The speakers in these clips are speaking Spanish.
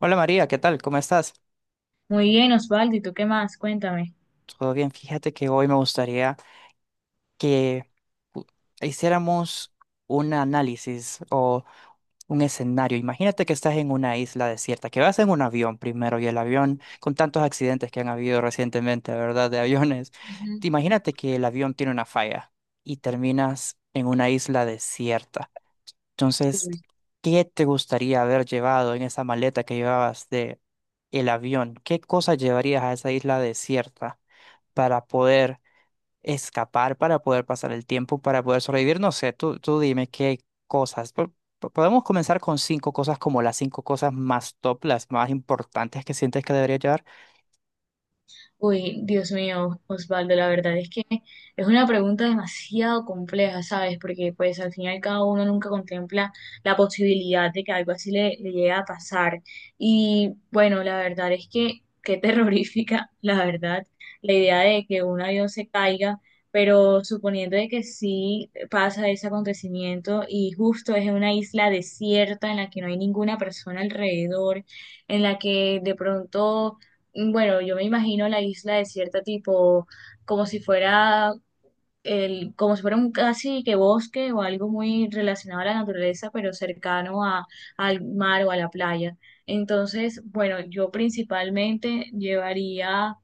Hola María, ¿qué tal? ¿Cómo estás? Muy bien, Osvaldo, ¿y tú qué más? Cuéntame. Todo bien, fíjate que hoy me gustaría que u- hiciéramos un análisis o un escenario. Imagínate que estás en una isla desierta, que vas en un avión primero y el avión, con tantos accidentes que han habido recientemente, ¿verdad? De aviones. Te imagínate que el avión tiene una falla y terminas en una isla desierta. Entonces, Ujú. ¿qué te gustaría haber llevado en esa maleta que llevabas de el avión? ¿Qué cosas llevarías a esa isla desierta? Para poder escapar, para poder pasar el tiempo, para poder sobrevivir. No sé, tú dime qué cosas. Podemos comenzar con cinco cosas como las cinco cosas más top, las más importantes que sientes que debería llevar. Uy, Dios mío, Osvaldo, la verdad es que es una pregunta demasiado compleja, ¿sabes? Porque pues al final cada uno nunca contempla la posibilidad de que algo así le llegue a pasar. Y bueno, la verdad es que qué terrorífica, la verdad, la idea de que un avión se caiga, pero suponiendo de que sí pasa ese acontecimiento y justo es en una isla desierta en la que no hay ninguna persona alrededor, en la que de pronto bueno, yo me imagino la isla desierta tipo como si fuera como si fuera un casi que bosque o algo muy relacionado a la naturaleza, pero al mar o a la playa. Entonces, bueno, yo principalmente llevaría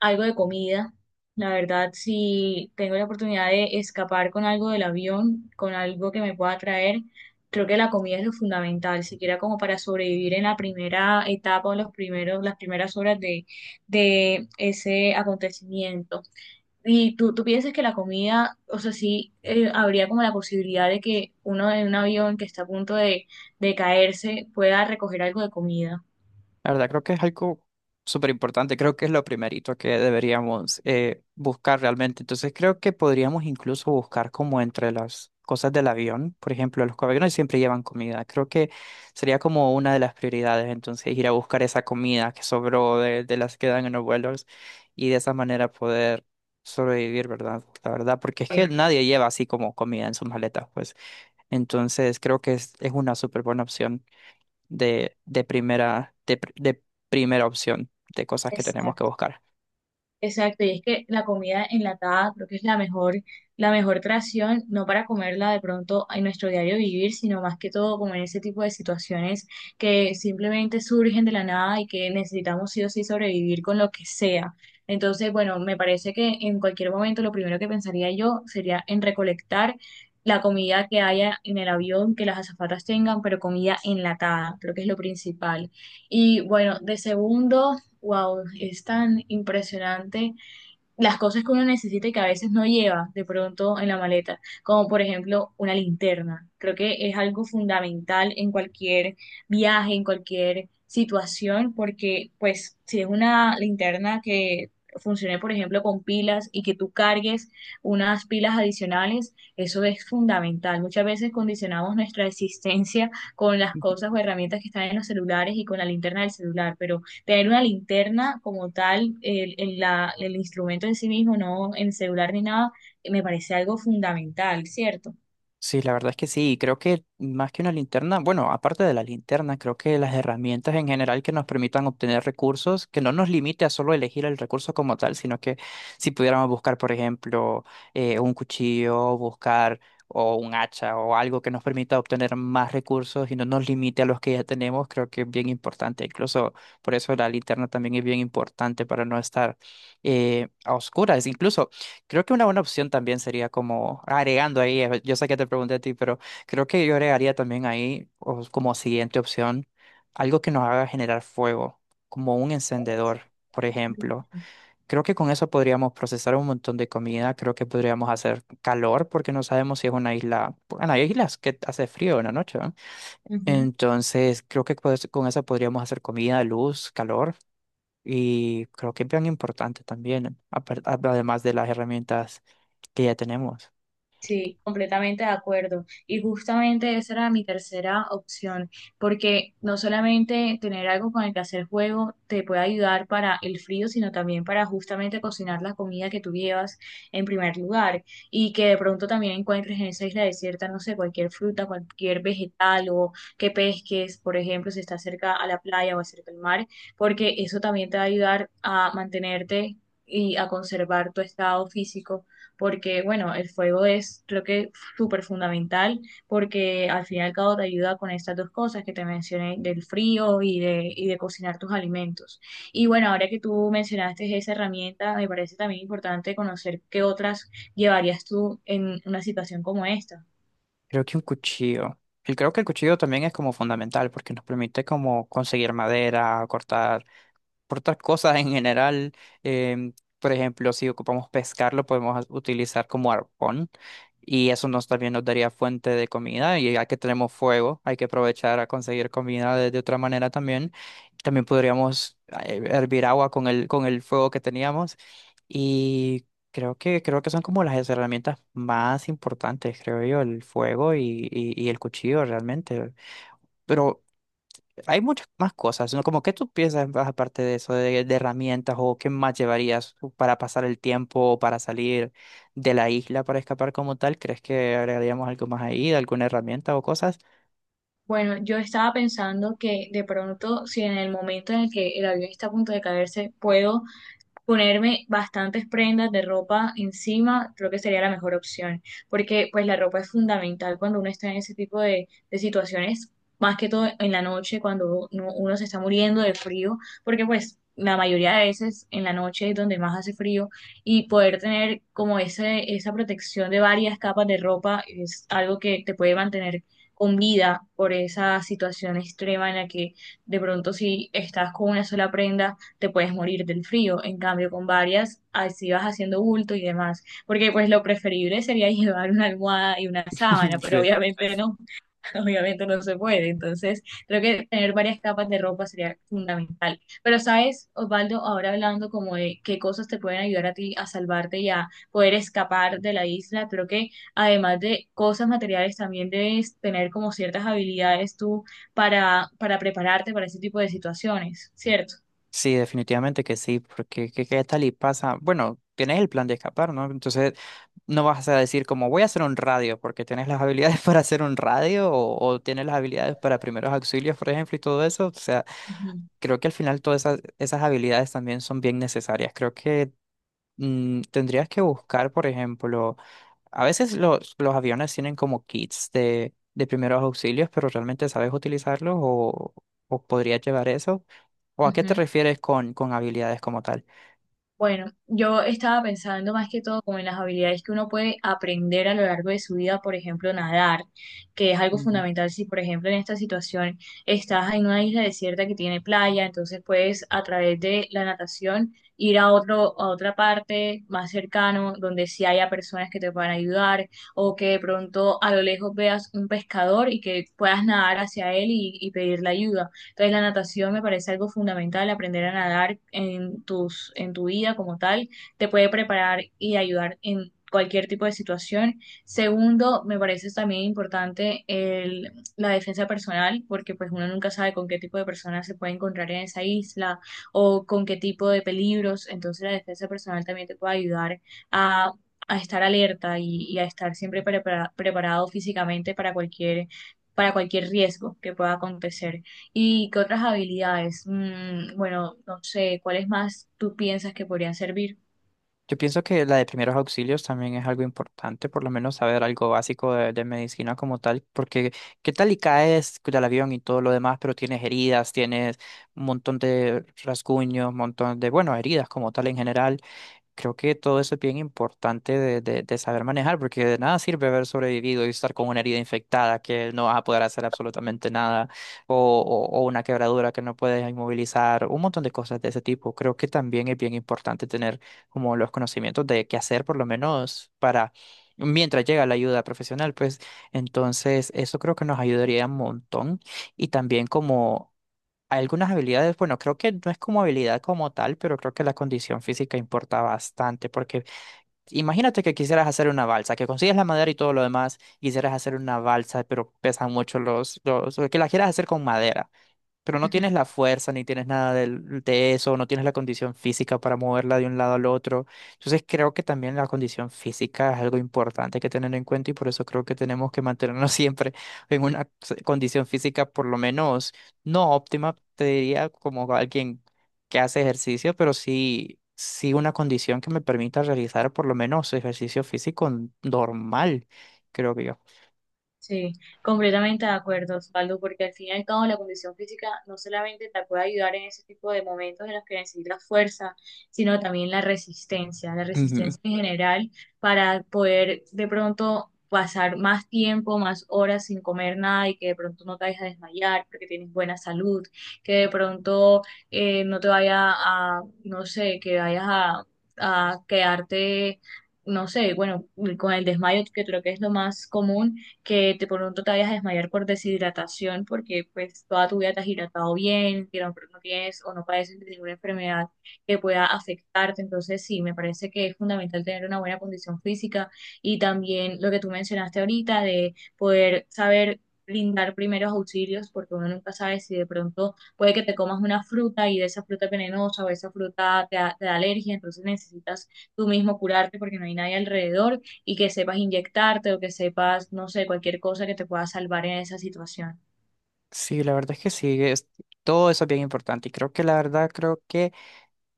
algo de comida. La verdad, si tengo la oportunidad de escapar con algo del avión, con algo que me pueda traer, creo que la comida es lo fundamental, siquiera como para sobrevivir en la primera etapa o las primeras horas de ese acontecimiento. Y tú piensas que la comida, o sea, sí, habría como la posibilidad de que uno en un avión que está a punto de caerse pueda recoger algo de comida. La verdad, creo que es algo súper importante. Creo que es lo primerito que deberíamos buscar realmente. Entonces, creo que podríamos incluso buscar como entre las cosas del avión. Por ejemplo, los aviones siempre llevan comida. Creo que sería como una de las prioridades. Entonces, ir a buscar esa comida que sobró de las que dan en los vuelos y de esa manera poder sobrevivir, ¿verdad? La verdad, porque es que nadie lleva así como comida en sus maletas, pues. Entonces, creo que es una súper buena opción de primera opción de cosas que tenemos que buscar. Exacto, y es que la comida enlatada creo que es la mejor creación, no para comerla de pronto en nuestro diario vivir, sino más que todo como en ese tipo de situaciones que simplemente surgen de la nada y que necesitamos sí o sí sobrevivir con lo que sea. Entonces, bueno, me parece que en cualquier momento lo primero que pensaría yo sería en recolectar la comida que haya en el avión, que las azafatas tengan, pero comida enlatada, creo que es lo principal. Y bueno, de segundo. Wow, es tan impresionante las cosas que uno necesita y que a veces no lleva de pronto en la maleta, como por ejemplo una linterna. Creo que es algo fundamental en cualquier viaje, en cualquier situación, porque pues si es una linterna que funcione por ejemplo con pilas y que tú cargues unas pilas adicionales, eso es fundamental. Muchas veces condicionamos nuestra existencia con las cosas o herramientas que están en los celulares y con la linterna del celular, pero tener una linterna como tal, el instrumento en sí mismo, no en celular ni nada, me parece algo fundamental, ¿cierto? Sí, la verdad es que sí, y creo que más que una linterna, bueno, aparte de la linterna, creo que las herramientas en general que nos permitan obtener recursos, que no nos limite a solo elegir el recurso como tal, sino que si pudiéramos buscar, por ejemplo, un cuchillo, buscar o un hacha o algo que nos permita obtener más recursos y no nos limite a los que ya tenemos, creo que es bien importante. Incluso por eso la linterna también es bien importante para no estar a oscuras. Incluso creo que una buena opción también sería como agregando ahí, yo sé que te pregunté a ti, pero creo que yo agregaría también ahí o como siguiente opción algo que nos haga generar fuego, como un encendedor, por ejemplo. Creo que con eso podríamos procesar un montón de comida, creo que podríamos hacer calor porque no sabemos si es una isla, bueno, hay islas que hace frío en la noche, ¿no? Ujú. Entonces creo que pues, con eso podríamos hacer comida, luz, calor. Y creo que es bien importante también, además de las herramientas que ya tenemos. Sí, completamente de acuerdo. Y justamente esa era mi tercera opción, porque no solamente tener algo con el que hacer juego te puede ayudar para el frío, sino también para justamente cocinar la comida que tú llevas en primer lugar y que de pronto también encuentres en esa isla desierta, no sé, cualquier fruta, cualquier vegetal o que pesques, por ejemplo, si estás cerca a la playa o cerca al mar, porque eso también te va a ayudar a mantenerte y a conservar tu estado físico porque bueno, el fuego es creo que súper fundamental porque al fin y al cabo te ayuda con estas dos cosas que te mencioné del frío y de cocinar tus alimentos. Y bueno, ahora que tú mencionaste esa herramienta, me parece también importante conocer qué otras llevarías tú en una situación como esta. Creo que un cuchillo. Y creo que el cuchillo también es como fundamental porque nos permite como conseguir madera, cortar por otras cosas en general. em, por ejemplo, si ocupamos pescar, lo podemos utilizar como arpón y eso nos también nos daría fuente de comida y ya que tenemos fuego, hay que aprovechar a conseguir comida de otra manera también. También podríamos hervir agua con con el fuego que teníamos y creo que son como las herramientas más importantes, creo yo, el fuego y el cuchillo realmente. Pero hay muchas más cosas, ¿no? Como que tú piensas más aparte de eso, de herramientas o qué más llevarías para pasar el tiempo o para salir de la isla para escapar como tal. ¿Crees que agregaríamos algo más ahí, de alguna herramienta o cosas? Bueno, yo estaba pensando que de pronto, si en el momento en el que el avión está a punto de caerse, puedo ponerme bastantes prendas de ropa encima, creo que sería la mejor opción, porque pues la ropa es fundamental cuando uno está en ese tipo de situaciones, más que todo en la noche, cuando uno se está muriendo de frío, porque pues la mayoría de veces en la noche es donde más hace frío y poder tener como ese, esa protección de varias capas de ropa es algo que te puede mantener con vida por esa situación extrema en la que de pronto si estás con una sola prenda, te puedes morir del frío. En cambio, con varias, así vas haciendo bulto y demás. Porque pues lo preferible sería llevar una almohada y una sábana, pero Sí. obviamente no, obviamente no se puede. Entonces, creo que tener varias capas de ropa sería fundamental. Pero sabes, Osvaldo, ahora hablando como de qué cosas te pueden ayudar a ti a salvarte y a poder escapar de la isla, creo que además de cosas materiales, también debes tener como ciertas habilidades tú para prepararte para ese tipo de situaciones, ¿cierto? Sí, definitivamente que sí, porque ¿qué, qué tal y pasa? Bueno, tienes el plan de escapar, ¿no? Entonces no vas a decir como voy a hacer un radio, porque tienes las habilidades para hacer un radio o tienes las habilidades para primeros auxilios, por ejemplo, y todo eso. O sea, Ujú. creo que al final todas esas habilidades también son bien necesarias. Creo que tendrías que buscar, por ejemplo, a veces los aviones tienen como kits de primeros auxilios, pero realmente sabes utilizarlos o podrías llevar eso. ¿O a qué te Ujú. refieres con habilidades como tal? Bueno, yo estaba pensando más que todo como en las habilidades que uno puede aprender a lo largo de su vida, por ejemplo, nadar, que es algo fundamental si, por ejemplo, en esta situación estás en una isla desierta que tiene playa, entonces puedes a través de la natación ir a otra parte más cercano, donde sí haya personas que te puedan ayudar, o que de pronto a lo lejos veas un pescador y que puedas nadar hacia él y pedirle ayuda. Entonces, la natación me parece algo fundamental, aprender a nadar en tu vida como tal, te puede preparar y ayudar en cualquier tipo de situación. Segundo, me parece también importante la defensa personal, porque pues uno nunca sabe con qué tipo de personas se puede encontrar en esa isla o con qué tipo de peligros. Entonces, la defensa personal también te puede ayudar a a estar alerta y a estar siempre preparado físicamente para cualquier riesgo que pueda acontecer. ¿Y qué otras habilidades? Bueno, no sé, ¿cuáles más tú piensas que podrían servir? Yo pienso que la de primeros auxilios también es algo importante, por lo menos saber algo básico de medicina como tal, porque qué tal y caes del avión y todo lo demás, pero tienes heridas, tienes un montón de rasguños, un montón de, bueno, heridas como tal en general. Creo que todo eso es bien importante de saber manejar, porque de nada sirve haber sobrevivido y estar con una herida infectada que no vas a poder hacer absolutamente nada, o, o una quebradura que no puedes inmovilizar, un montón de cosas de ese tipo. Creo que también es bien importante tener como los conocimientos de qué hacer, por lo menos para mientras llega la ayuda profesional, pues entonces eso creo que nos ayudaría un montón y también como... Hay algunas habilidades, bueno, creo que no es como habilidad como tal, pero creo que la condición física importa bastante, porque imagínate que quisieras hacer una balsa, que consigues la madera y todo lo demás, quisieras hacer una balsa, pero pesan mucho los, o que la quieras hacer con madera pero no tienes la fuerza ni tienes nada eso, no tienes la condición física para moverla de un lado al otro. Entonces creo que también la condición física es algo importante que tener en cuenta y por eso creo que tenemos que mantenernos siempre en una condición física por lo menos no óptima, te diría como alguien que hace ejercicio, pero sí una condición que me permita realizar por lo menos ejercicio físico normal, creo que yo. Sí, completamente de acuerdo, Osvaldo, porque al fin y al cabo la condición física no solamente te puede ayudar en ese tipo de momentos en los que necesitas fuerza, sino también la resistencia en general para poder de pronto pasar más tiempo, más horas sin comer nada y que de pronto no te vayas a desmayar porque tienes buena salud, que de pronto no te vaya a, no sé, que vayas a quedarte, no sé, bueno, con el desmayo que creo que es lo más común que de pronto te vayas a desmayar por deshidratación porque pues toda tu vida te has hidratado bien, que no tienes o no padeces de ninguna enfermedad que pueda afectarte. Entonces sí, me parece que es fundamental tener una buena condición física y también lo que tú mencionaste ahorita de poder saber brindar primeros auxilios porque uno nunca sabe si de pronto puede que te comas una fruta y de esa fruta es venenosa o esa fruta te da alergia, entonces necesitas tú mismo curarte porque no hay nadie alrededor y que sepas inyectarte o que sepas, no sé, cualquier cosa que te pueda salvar en esa situación. Sí, la verdad es que sí, todo eso es bien importante y creo que la verdad creo que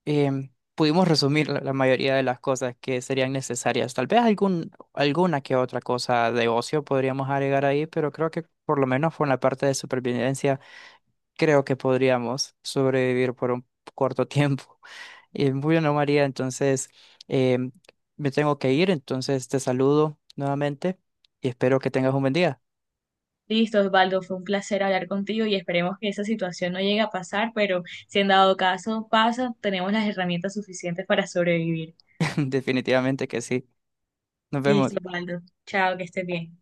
pudimos resumir la mayoría de las cosas que serían necesarias. Tal vez algún, alguna que otra cosa de ocio podríamos agregar ahí, pero creo que por lo menos por la parte de supervivencia creo que podríamos sobrevivir por un corto tiempo. Muy bien, María, entonces em, me tengo que ir, entonces te saludo nuevamente y espero que tengas un buen día. Listo, Osvaldo, fue un placer hablar contigo y esperemos que esa situación no llegue a pasar, pero si en dado caso pasa, tenemos las herramientas suficientes para sobrevivir. Definitivamente que sí. Nos Listo, vemos. Osvaldo. Chao, que estés bien.